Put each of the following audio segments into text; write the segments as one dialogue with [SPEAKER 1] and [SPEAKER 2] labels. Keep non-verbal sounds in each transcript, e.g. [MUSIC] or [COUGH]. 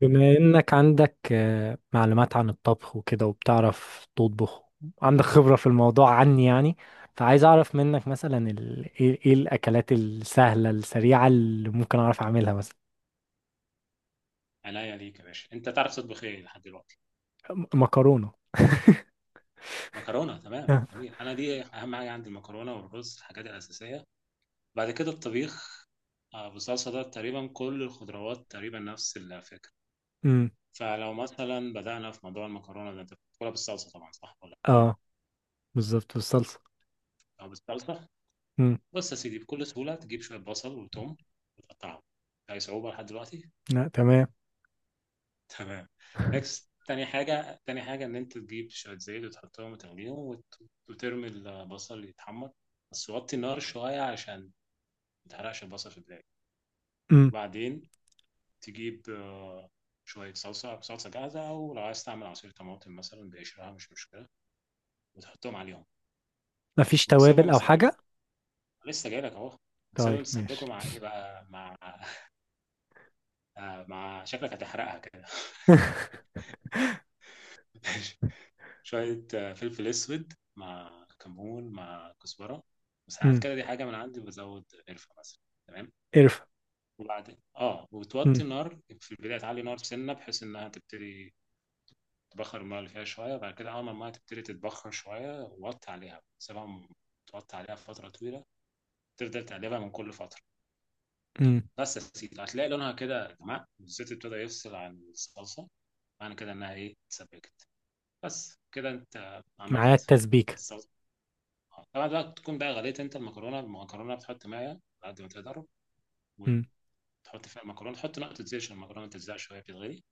[SPEAKER 1] بما انك عندك معلومات عن الطبخ وكده وبتعرف تطبخ. عندك خبرة في الموضوع عني، يعني. فعايز اعرف منك مثلا ايه الاكلات السهلة السريعة اللي ممكن اعرف اعملها مثلا.
[SPEAKER 2] عينيا ليك يا باشا، انت تعرف تطبخ ايه لحد دلوقتي؟
[SPEAKER 1] مكرونة.
[SPEAKER 2] مكرونه. تمام،
[SPEAKER 1] اه.
[SPEAKER 2] جميل. انا دي اهم حاجه عندي، المكرونه والرز، الحاجات الاساسيه. بعد كده الطبيخ بالصلصه ده، تقريبا كل الخضروات تقريبا نفس الفكره.
[SPEAKER 1] أمم.
[SPEAKER 2] فلو مثلا بدانا في موضوع المكرونه ده، انت بتاكلها بالصلصه طبعا، صح ولا بيضه؟
[SPEAKER 1] آه، بالظبط بالصلصة.
[SPEAKER 2] او بالصلصه.
[SPEAKER 1] أمم.
[SPEAKER 2] بص يا سيدي، بكل سهوله تجيب شويه بصل وتوم وتقطعهم. اي صعوبه لحد دلوقتي؟
[SPEAKER 1] لا، تمام.
[SPEAKER 2] تمام. نكست، تاني حاجة إن أنت تجيب شوية زيت وتحطهم وتغليهم وترمي البصل يتحمر. بس وطي النار شوية عشان متحرقش البصل في البداية.
[SPEAKER 1] أمم.
[SPEAKER 2] بعدين تجيب شوية صلصة، صلصة جاهزة، أو لو عايز تعمل عصير طماطم مثلا بقشرها مش مشكلة، وتحطهم عليهم
[SPEAKER 1] مفيش
[SPEAKER 2] وتسيبهم
[SPEAKER 1] توابل او
[SPEAKER 2] يتسبكوا.
[SPEAKER 1] حاجة؟
[SPEAKER 2] لسه جايلك أهو. وتسيبهم
[SPEAKER 1] طيب، ماشي.
[SPEAKER 2] يتسبكوا مع إيه بقى، مع [LAUGHS] مع شكلك هتحرقها كده.
[SPEAKER 1] [LAUGHS]
[SPEAKER 2] [LAUGHS] شوية فلفل أسود مع كمون مع كزبرة، وساعات
[SPEAKER 1] أمم.
[SPEAKER 2] كده دي حاجة من عندي بزود قرفة مثلا. تمام.
[SPEAKER 1] قرفة؟
[SPEAKER 2] وبعدين اه وتوطي
[SPEAKER 1] أمم.
[SPEAKER 2] النار، في البداية تعلي نار سنة بحيث إنها تبتدي تبخر المية اللي فيها شوية، وبعد كده أول ما المية تبتدي تتبخر شوية وطي عليها، سيبها توطي عليها فترة طويلة، تفضل تقلبها من كل فترة.
[SPEAKER 1] أمم.
[SPEAKER 2] بس يا سيدي هتلاقي لونها كده غمق والزيت ابتدى يفصل عن الصلصة، معنى كده إنها إيه، اتسبكت. بس كده أنت
[SPEAKER 1] معايا
[SPEAKER 2] عملت.
[SPEAKER 1] التسبيكة.
[SPEAKER 2] طبعا بقى تكون بقى غليت انت المكرونه بتحط ميه على قد ما تقدر،
[SPEAKER 1] أمم.
[SPEAKER 2] وتحط فيها المكرونه، تحط نقطه زيت عشان المكرونه تتزع شويه بتتغلي،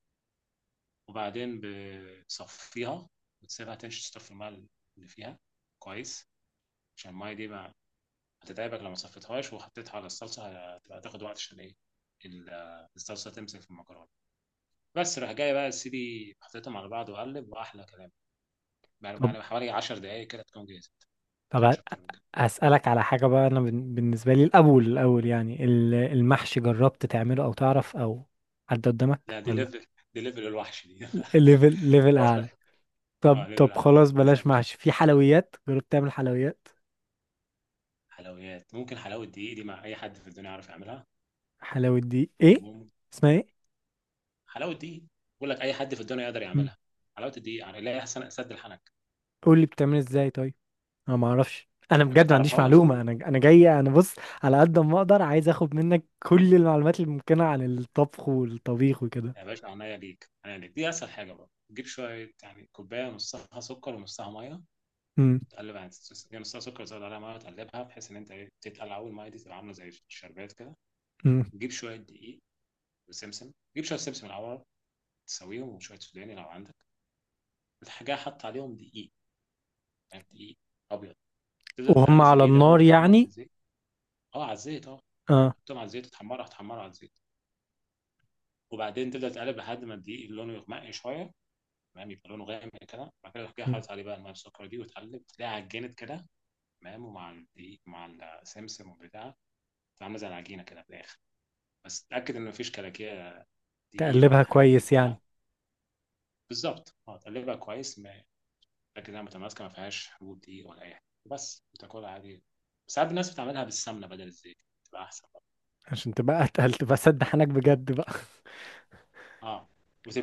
[SPEAKER 2] وبعدين بتصفيها وتسيبها تشطف الميه اللي فيها كويس، عشان الميه دي ما هتتعبك، لو ما صفيتهاش وحطيتها على الصلصه هتبقى تاخد وقت عشان ايه، ال- الصلصه تمسك في المكرونه. بس راح جاي بقى سيدي، حطيتهم على بعض وقلب واحلى كلام. يعني
[SPEAKER 1] طب
[SPEAKER 2] يعني حوالي 10 دقائق كده تكون جاهزه، ما
[SPEAKER 1] طب،
[SPEAKER 2] تاخدش اكتر من كده.
[SPEAKER 1] أسألك على حاجة بقى. أنا بالنسبة لي الأول الأول، يعني المحشي، جربت تعمله أو تعرف أو حد قدامك
[SPEAKER 2] لا دي
[SPEAKER 1] ولا؟
[SPEAKER 2] ليفل، دي [LAUGHS] ليفل الوحش دي.
[SPEAKER 1] ليفل
[SPEAKER 2] [LAUGHS]
[SPEAKER 1] ليفل أعلى.
[SPEAKER 2] واضح.
[SPEAKER 1] طب
[SPEAKER 2] اه ليفل
[SPEAKER 1] طب،
[SPEAKER 2] اعلى
[SPEAKER 1] خلاص
[SPEAKER 2] ما
[SPEAKER 1] بلاش
[SPEAKER 2] وصلتش.
[SPEAKER 1] محشي. في حلويات جربت تعمل حلويات؟
[SPEAKER 2] حلويات ممكن، حلاوه دقيق دي مع اي حد في الدنيا يعرف يعملها.
[SPEAKER 1] حلاوة دي إيه؟
[SPEAKER 2] مم.
[SPEAKER 1] اسمها إيه؟
[SPEAKER 2] حلاوه دقيق. بقول لك اي حد في الدنيا يقدر
[SPEAKER 1] مم.
[SPEAKER 2] يعملها، حلاوه الدقيق، يعني لا يحسن سد الحنك.
[SPEAKER 1] قول لي بتعمل إزاي طيب. أنا ما أعرفش، أنا
[SPEAKER 2] انت ما
[SPEAKER 1] بجد ما عنديش
[SPEAKER 2] تعرفهاش؟
[SPEAKER 1] معلومة، أنا جاي. أنا بص على قد ما أقدر، عايز أخد منك كل المعلومات الممكنة عن الطبخ والطبيخ وكده.
[SPEAKER 2] يا باشا، عينيا ليك عينيا ليك، دي اسهل حاجه، بقى تجيب شويه يعني كوبايه نصها سكر ونصها ميه،
[SPEAKER 1] مم.
[SPEAKER 2] تقلب يعني يعني نصها سكر زود عليها ميه وتقلبها بحيث ان انت ايه، تتقلع اول، الميه دي تبقى عامله زي الشربات كده.
[SPEAKER 1] مم.
[SPEAKER 2] تجيب شويه دقيق وسمسم، تجيب شويه سمسم الاول تسويهم، وشويه سوداني لو عندك الحاجه. حط عليهم دقيق، يعني دقيق ابيض. تفضل
[SPEAKER 1] وهم
[SPEAKER 2] تقلب في
[SPEAKER 1] على
[SPEAKER 2] الدقيقه هو
[SPEAKER 1] النار
[SPEAKER 2] بيتحمر في
[SPEAKER 1] يعني؟
[SPEAKER 2] الزيت. اه، على الزيت اه.
[SPEAKER 1] آه.
[SPEAKER 2] حطهم على الزيت تحمره، هتحمره على الزيت، وبعدين تبدا تقلب لحد ما الدقيق لونه يغمق شويه. تمام، يبقى لونه غامق كده، بعد كده تروح جاي حاطط عليه بقى الميه السكر دي، وتقلب تلاقيها عجنت كده، تمام، ومع الدقيق مع السمسم والبتاع، عامله زي العجينه كده في الاخر. بس تاكد ان مفيش كلاكيع دقيق ولا
[SPEAKER 1] تقلبها
[SPEAKER 2] الحاجات دي
[SPEAKER 1] كويس يعني؟
[SPEAKER 2] كلها. بالظبط، اه تقلبها كويس. تاكد انها متماسكه ما فيهاش حبوب دقيق ولا اي حاجه، بس وتاكلها عادي. ساعات الناس بتعملها بالسمنه بدل الزيت، تبقى احسن.
[SPEAKER 1] عشان تبقى اتقل، تبقى سد حنك بجد بقى.
[SPEAKER 2] اه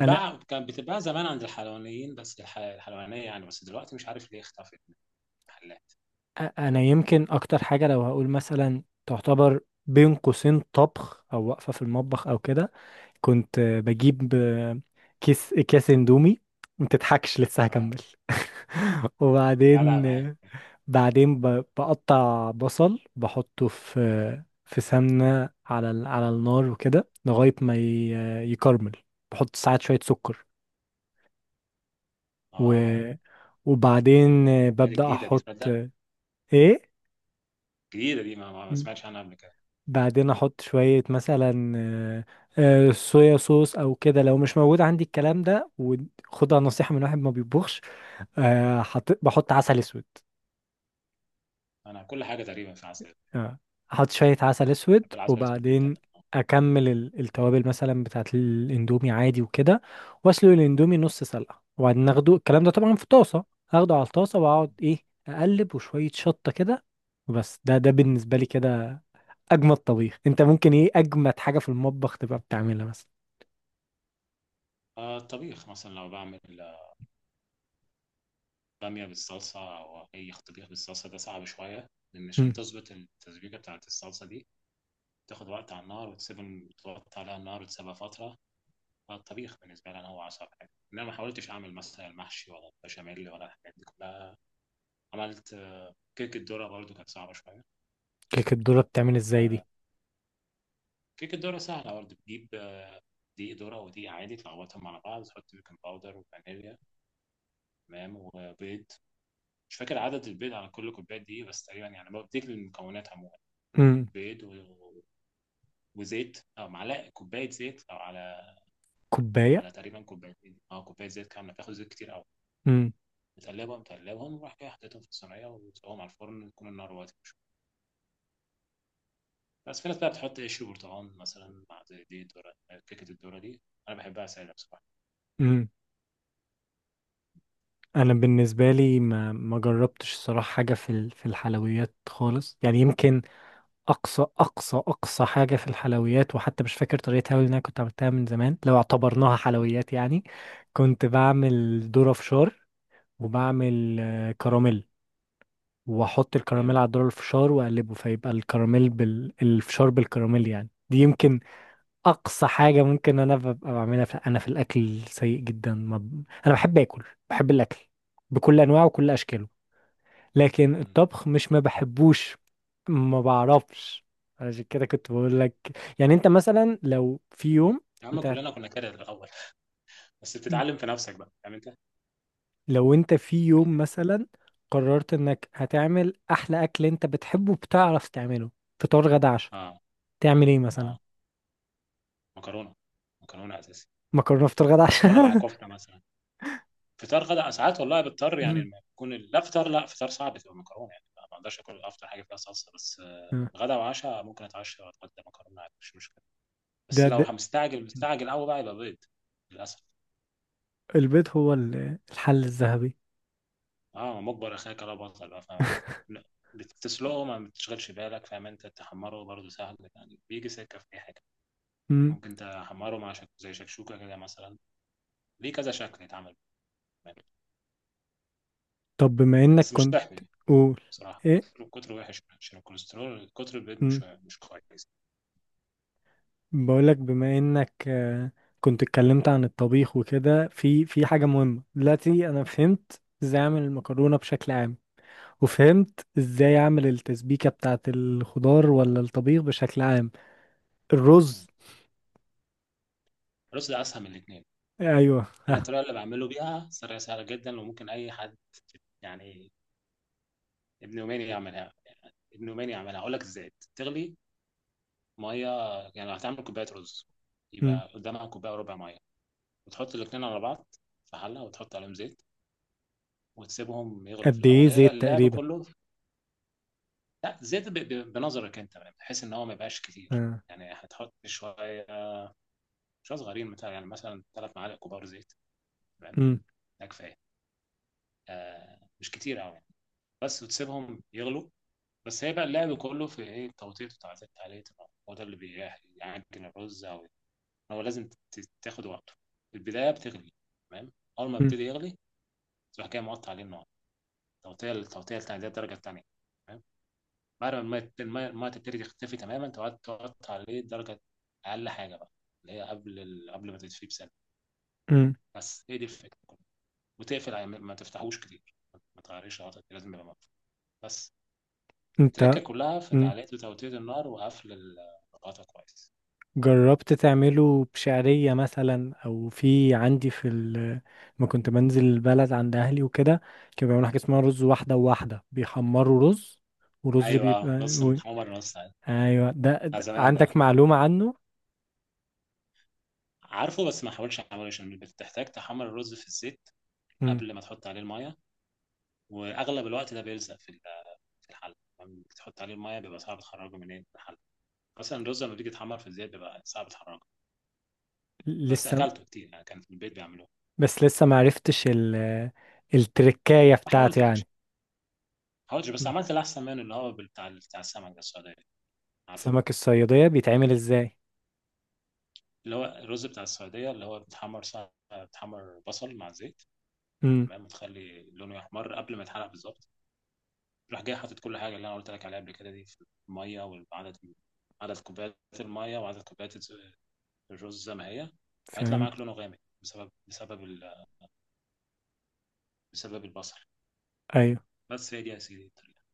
[SPEAKER 1] انا
[SPEAKER 2] كانت بتتباع زمان عند الحلوانيين بس الحلوانية يعني، بس دلوقتي مش عارف ليه اختفت من المحلات.
[SPEAKER 1] انا يمكن اكتر حاجه، لو هقول مثلا تعتبر بين قوسين طبخ او واقفه في المطبخ او كده، كنت بجيب كيس اكياس اندومي. ما تضحكش، لسه
[SPEAKER 2] اه.
[SPEAKER 1] هكمل. [LAUGHS]
[SPEAKER 2] لا
[SPEAKER 1] وبعدين
[SPEAKER 2] لا معاك.
[SPEAKER 1] بعدين بقطع بصل بحطه في سمنه على على النار وكده، لغايه ما يكرمل. بحط ساعات شويه سكر و...
[SPEAKER 2] اه.
[SPEAKER 1] وبعدين
[SPEAKER 2] هذه
[SPEAKER 1] ببدأ
[SPEAKER 2] جديدة دي،
[SPEAKER 1] أحط
[SPEAKER 2] تصدق،
[SPEAKER 1] إيه؟
[SPEAKER 2] جديدة دي، ما
[SPEAKER 1] م-
[SPEAKER 2] سمعتش عنها قبل كده.
[SPEAKER 1] بعدين أحط شوية مثلا صويا صوص أو كده لو مش موجود عندي الكلام ده، وخدها نصيحة من واحد ما بيطبخش. بحط عسل أسود.
[SPEAKER 2] انا كل حاجة تقريبا في عسل،
[SPEAKER 1] آه، احط شوية عسل اسود،
[SPEAKER 2] بحب العسل الاسود
[SPEAKER 1] وبعدين
[SPEAKER 2] جدا آه.
[SPEAKER 1] اكمل التوابل مثلا بتاعت الاندومي عادي وكده. واسلق الاندومي نص سلقة، وبعدين اخده الكلام ده طبعا في طاسة. اخده على الطاسة واقعد ايه، اقلب وشوية شطة كده. وبس، ده بالنسبة لي كده. اجمد طبيخ انت ممكن، ايه اجمد حاجة في المطبخ تبقى بتعملها مثلا؟
[SPEAKER 2] الطبيخ مثلا لو بعمل بامية بالصلصة أو أي طبيخ بالصلصة، ده صعب شوية لأن عشان
[SPEAKER 1] امم.
[SPEAKER 2] تظبط التسبيكة بتاعة الصلصة دي تاخد وقت على النار، وتسيب، تحط عليها النار وتسيبها فترة. الطبيخ بالنسبه لي انا هو اصعب حاجه، ان انا ما حاولتش اعمل مثلا المحشي ولا البشاميل ولا الحاجات دي كلها. عملت كيكه ذره، برضو كانت صعبه شويه.
[SPEAKER 1] كيكة الذرة بتعمل ازاي
[SPEAKER 2] آه،
[SPEAKER 1] دي؟
[SPEAKER 2] كيكه ذره سهله برضو، بتجيب دقيق ذره ودقيق عادي تلخبطهم على بعض، تحط بيكنج باودر وفانيليا، تمام، وبيض. مش فاكر عدد البيض على كل كوبايه دي بس تقريبا، يعني بديك المكونات عموما.
[SPEAKER 1] امم.
[SPEAKER 2] بيض وزيت، او معلقه كوبايه زيت او على،
[SPEAKER 1] كوباية؟
[SPEAKER 2] على تقريبا كوبايتين اه كوبايه زيت كامله، بتاخد زيت كتير قوي.
[SPEAKER 1] امم.
[SPEAKER 2] متقلبهم متقلبهم وراح جاي حطيتهم في الصينيه، وتسويهم على الفرن يكون النار واطيه. بس في ناس بقى بتحط عيش وبرتقال مثلا مع زي دي الدورة، كيكة الدورة دي أنا بحبها سادة بصراحة.
[SPEAKER 1] امم. انا بالنسبة لي ما جربتش الصراحة حاجة في الحلويات خالص، يعني يمكن اقصى اقصى اقصى حاجه في الحلويات، وحتى مش فاكر طريقتها أوي، لأن انا كنت عملتها من زمان، لو اعتبرناها حلويات يعني، كنت بعمل ذره فشار. وبعمل
[SPEAKER 2] أه
[SPEAKER 1] كراميل، واحط الكراميل
[SPEAKER 2] جامد.
[SPEAKER 1] على الذره الفشار واقلبه، فيبقى الفشار بالكراميل. يعني دي يمكن اقصى حاجه ممكن انا ببقى بعملها انا في الاكل سيء جدا، ما... ب- انا بحب اكل. بحب الاكل بكل انواعه وكل اشكاله. لكن
[SPEAKER 2] مم.
[SPEAKER 1] الطبخ مش ما بحبوش، ما بعرفش. عشان كده كنت بقول لك، يعني انت مثلا لو في يوم
[SPEAKER 2] يا عم
[SPEAKER 1] انت هت-
[SPEAKER 2] كلنا كنا كده الأول. [LAUGHS] بس
[SPEAKER 1] مم.
[SPEAKER 2] بتتعلم في نفسك بقى، فاهم أنت؟
[SPEAKER 1] لو انت في يوم
[SPEAKER 2] يعني.
[SPEAKER 1] مثلا قررت انك هتعمل احلى اكل انت بتحبه بتعرف تعمله، فطار غدا عشاء،
[SPEAKER 2] أه.
[SPEAKER 1] تعمل ايه مثلا؟
[SPEAKER 2] أه. مكرونة، مكرونة أساسي،
[SPEAKER 1] مكرونه فطار غدا عشاء.
[SPEAKER 2] مكرونة مع
[SPEAKER 1] [LAUGHS]
[SPEAKER 2] كفتة مثلا. فطار غدا ساعات والله بضطر، يعني
[SPEAKER 1] مم.
[SPEAKER 2] لما يكون لا فطار، لا فطار صعب تبقى مكرونة يعني، ما بقدرش آكل أفطر حاجة فيها صلصة، بس
[SPEAKER 1] آه.
[SPEAKER 2] غدا وعشاء ممكن أتعشى وأتغدى مكرونة عادي، مش مشكلة. بس
[SPEAKER 1] ده,
[SPEAKER 2] لو
[SPEAKER 1] ده
[SPEAKER 2] مستعجل مستعجل قوي بقى، يبقى بيض للأسف.
[SPEAKER 1] البيض هو الحل الذهبي.
[SPEAKER 2] اه، مجبر اخاك لا بطل، بقى فاهم؟ لا، بتسلقه ما بتشغلش بالك، فاهم؟ انت تحمره برضه سهل يعني، بيجي سكه في اي حاجه.
[SPEAKER 1] مم.
[SPEAKER 2] ممكن تحمره مع زي شكشوكه كده مثلا. ليه كذا شكل يتعمل كمان.
[SPEAKER 1] طب بما انك
[SPEAKER 2] بس مش
[SPEAKER 1] كنت،
[SPEAKER 2] تحمي،
[SPEAKER 1] قول.
[SPEAKER 2] بصراحه كتر كتر وحش عشان الكوليسترول، كتر البيض
[SPEAKER 1] ايه؟
[SPEAKER 2] مش مش كويس.
[SPEAKER 1] بقولك، بما انك كنت اتكلمت عن الطبيخ وكده، في حاجة مهمة دلوقتي. انا فهمت ازاي اعمل المكرونة بشكل عام، وفهمت ازاي اعمل التسبيكة بتاعة الخضار ولا الطبيخ بشكل عام.
[SPEAKER 2] مم.
[SPEAKER 1] الرز؟
[SPEAKER 2] الرز ده اسهل من الاثنين.
[SPEAKER 1] ايوه.
[SPEAKER 2] انا الطريقه اللي بعمله بيها طريقه سهله جدا، وممكن اي حد يعني ابن يومين يعملها، يعني ابن يومين يعملها اقول لك ازاي. تغلي ميه، يعني لو هتعمل كوبايه رز
[SPEAKER 1] مم.
[SPEAKER 2] يبقى قدامها كوبايه وربع ميه، وتحط الاتنين على بعض في حله، وتحط عليهم زيت، وتسيبهم يغلوا في
[SPEAKER 1] قد ايه
[SPEAKER 2] الاول، هي بقى
[SPEAKER 1] زيت
[SPEAKER 2] اللعب
[SPEAKER 1] تقريبا؟
[SPEAKER 2] كله. لا زيت بنظرك انت يعني، بحيث ان هو ما يبقاش كتير،
[SPEAKER 1] آه.
[SPEAKER 2] يعني هتحط شويه، شويه صغيرين مثلا، يعني مثلا ثلاث معالق كبار زيت، تمام،
[SPEAKER 1] مم.
[SPEAKER 2] ده كفايه، آه مش كتير قوي يعني. بس وتسيبهم يغلوا، بس هي بقى اللعب كله في ايه، التوطيط بتاع الزيت عليه، هو ده اللي بيعجن الرز. او هو لازم تاخد وقته. في البداية بتغلي، تمام، أول ما
[SPEAKER 1] مم.
[SPEAKER 2] يبتدي يغلي تروح جاي موطي عليه النار، التوطية التانية دي الدرجة التانية، تمام. بعد ما المية تبتدي تختفي تماما، تقعد توطي عليه درجة أقل حاجة بقى، اللي هي قبل قبل ما تدفيه بسنة.
[SPEAKER 1] مم.
[SPEAKER 2] بس هي دي الفكرة كلها. وتقفل عليه ما تفتحوش كتير، ما تغيرش غطا، لازم يبقى مقفول بس.
[SPEAKER 1] انت
[SPEAKER 2] التركة كلها في
[SPEAKER 1] مم.
[SPEAKER 2] تعليق وتوطية النار وقفل الغطا كويس.
[SPEAKER 1] جربت تعمله بشعرية مثلا، او في عندي ما كنت بنزل البلد عند اهلي وكده، كانوا بيعملوا حاجة اسمها رز واحدة وواحدة، بيحمروا رز ورز
[SPEAKER 2] أيوه
[SPEAKER 1] بيبقى
[SPEAKER 2] نص
[SPEAKER 1] و...
[SPEAKER 2] محمر نص عادي.
[SPEAKER 1] ايوه. ده,
[SPEAKER 2] على
[SPEAKER 1] ده
[SPEAKER 2] زمان ده،
[SPEAKER 1] عندك معلومة عنه؟
[SPEAKER 2] عارفه بس ما حاولش عليه، عشان بتحتاج تحمر الرز في الزيت
[SPEAKER 1] مم.
[SPEAKER 2] قبل ما تحط عليه المية، واغلب الوقت ده بيلزق في في الحل لما تحط عليه المية، بيبقى صعب تخرجه من إيه؟ من الحل، مثلا الرز لما بيجي يتحمر في الزيت بيبقى صعب تخرجه. بس
[SPEAKER 1] لسه،
[SPEAKER 2] اكلته كتير يعني، كان في البيت بيعملوه.
[SPEAKER 1] بس لسه ما عرفتش التركاية
[SPEAKER 2] ما
[SPEAKER 1] بتاعته
[SPEAKER 2] حاولتش
[SPEAKER 1] يعني.
[SPEAKER 2] ما حاولتش بس
[SPEAKER 1] مم.
[SPEAKER 2] عملت الاحسن منه، اللي هو بتاع السمك ده السعوديه، عارفه؟
[SPEAKER 1] سمك الصيادية بيتعمل ازاي؟
[SPEAKER 2] اللي هو الرز بتاع السعوديه، اللي هو بتحمر بتحمر بصل مع زيت،
[SPEAKER 1] امم.
[SPEAKER 2] تمام، وتخلي لونه يحمر قبل ما يتحرق بالظبط، راح جاي حاطط كل حاجه اللي انا قلت لك عليها قبل كده دي في الميه، وعدد، عدد كوبايات الميه وعدد كوبايات الرز زي ما هي. هيطلع
[SPEAKER 1] فاهم.
[SPEAKER 2] معاك لونه غامق بسبب بسبب البصل.
[SPEAKER 1] أيوة.
[SPEAKER 2] بس هي دي يا سيدي الطريقه.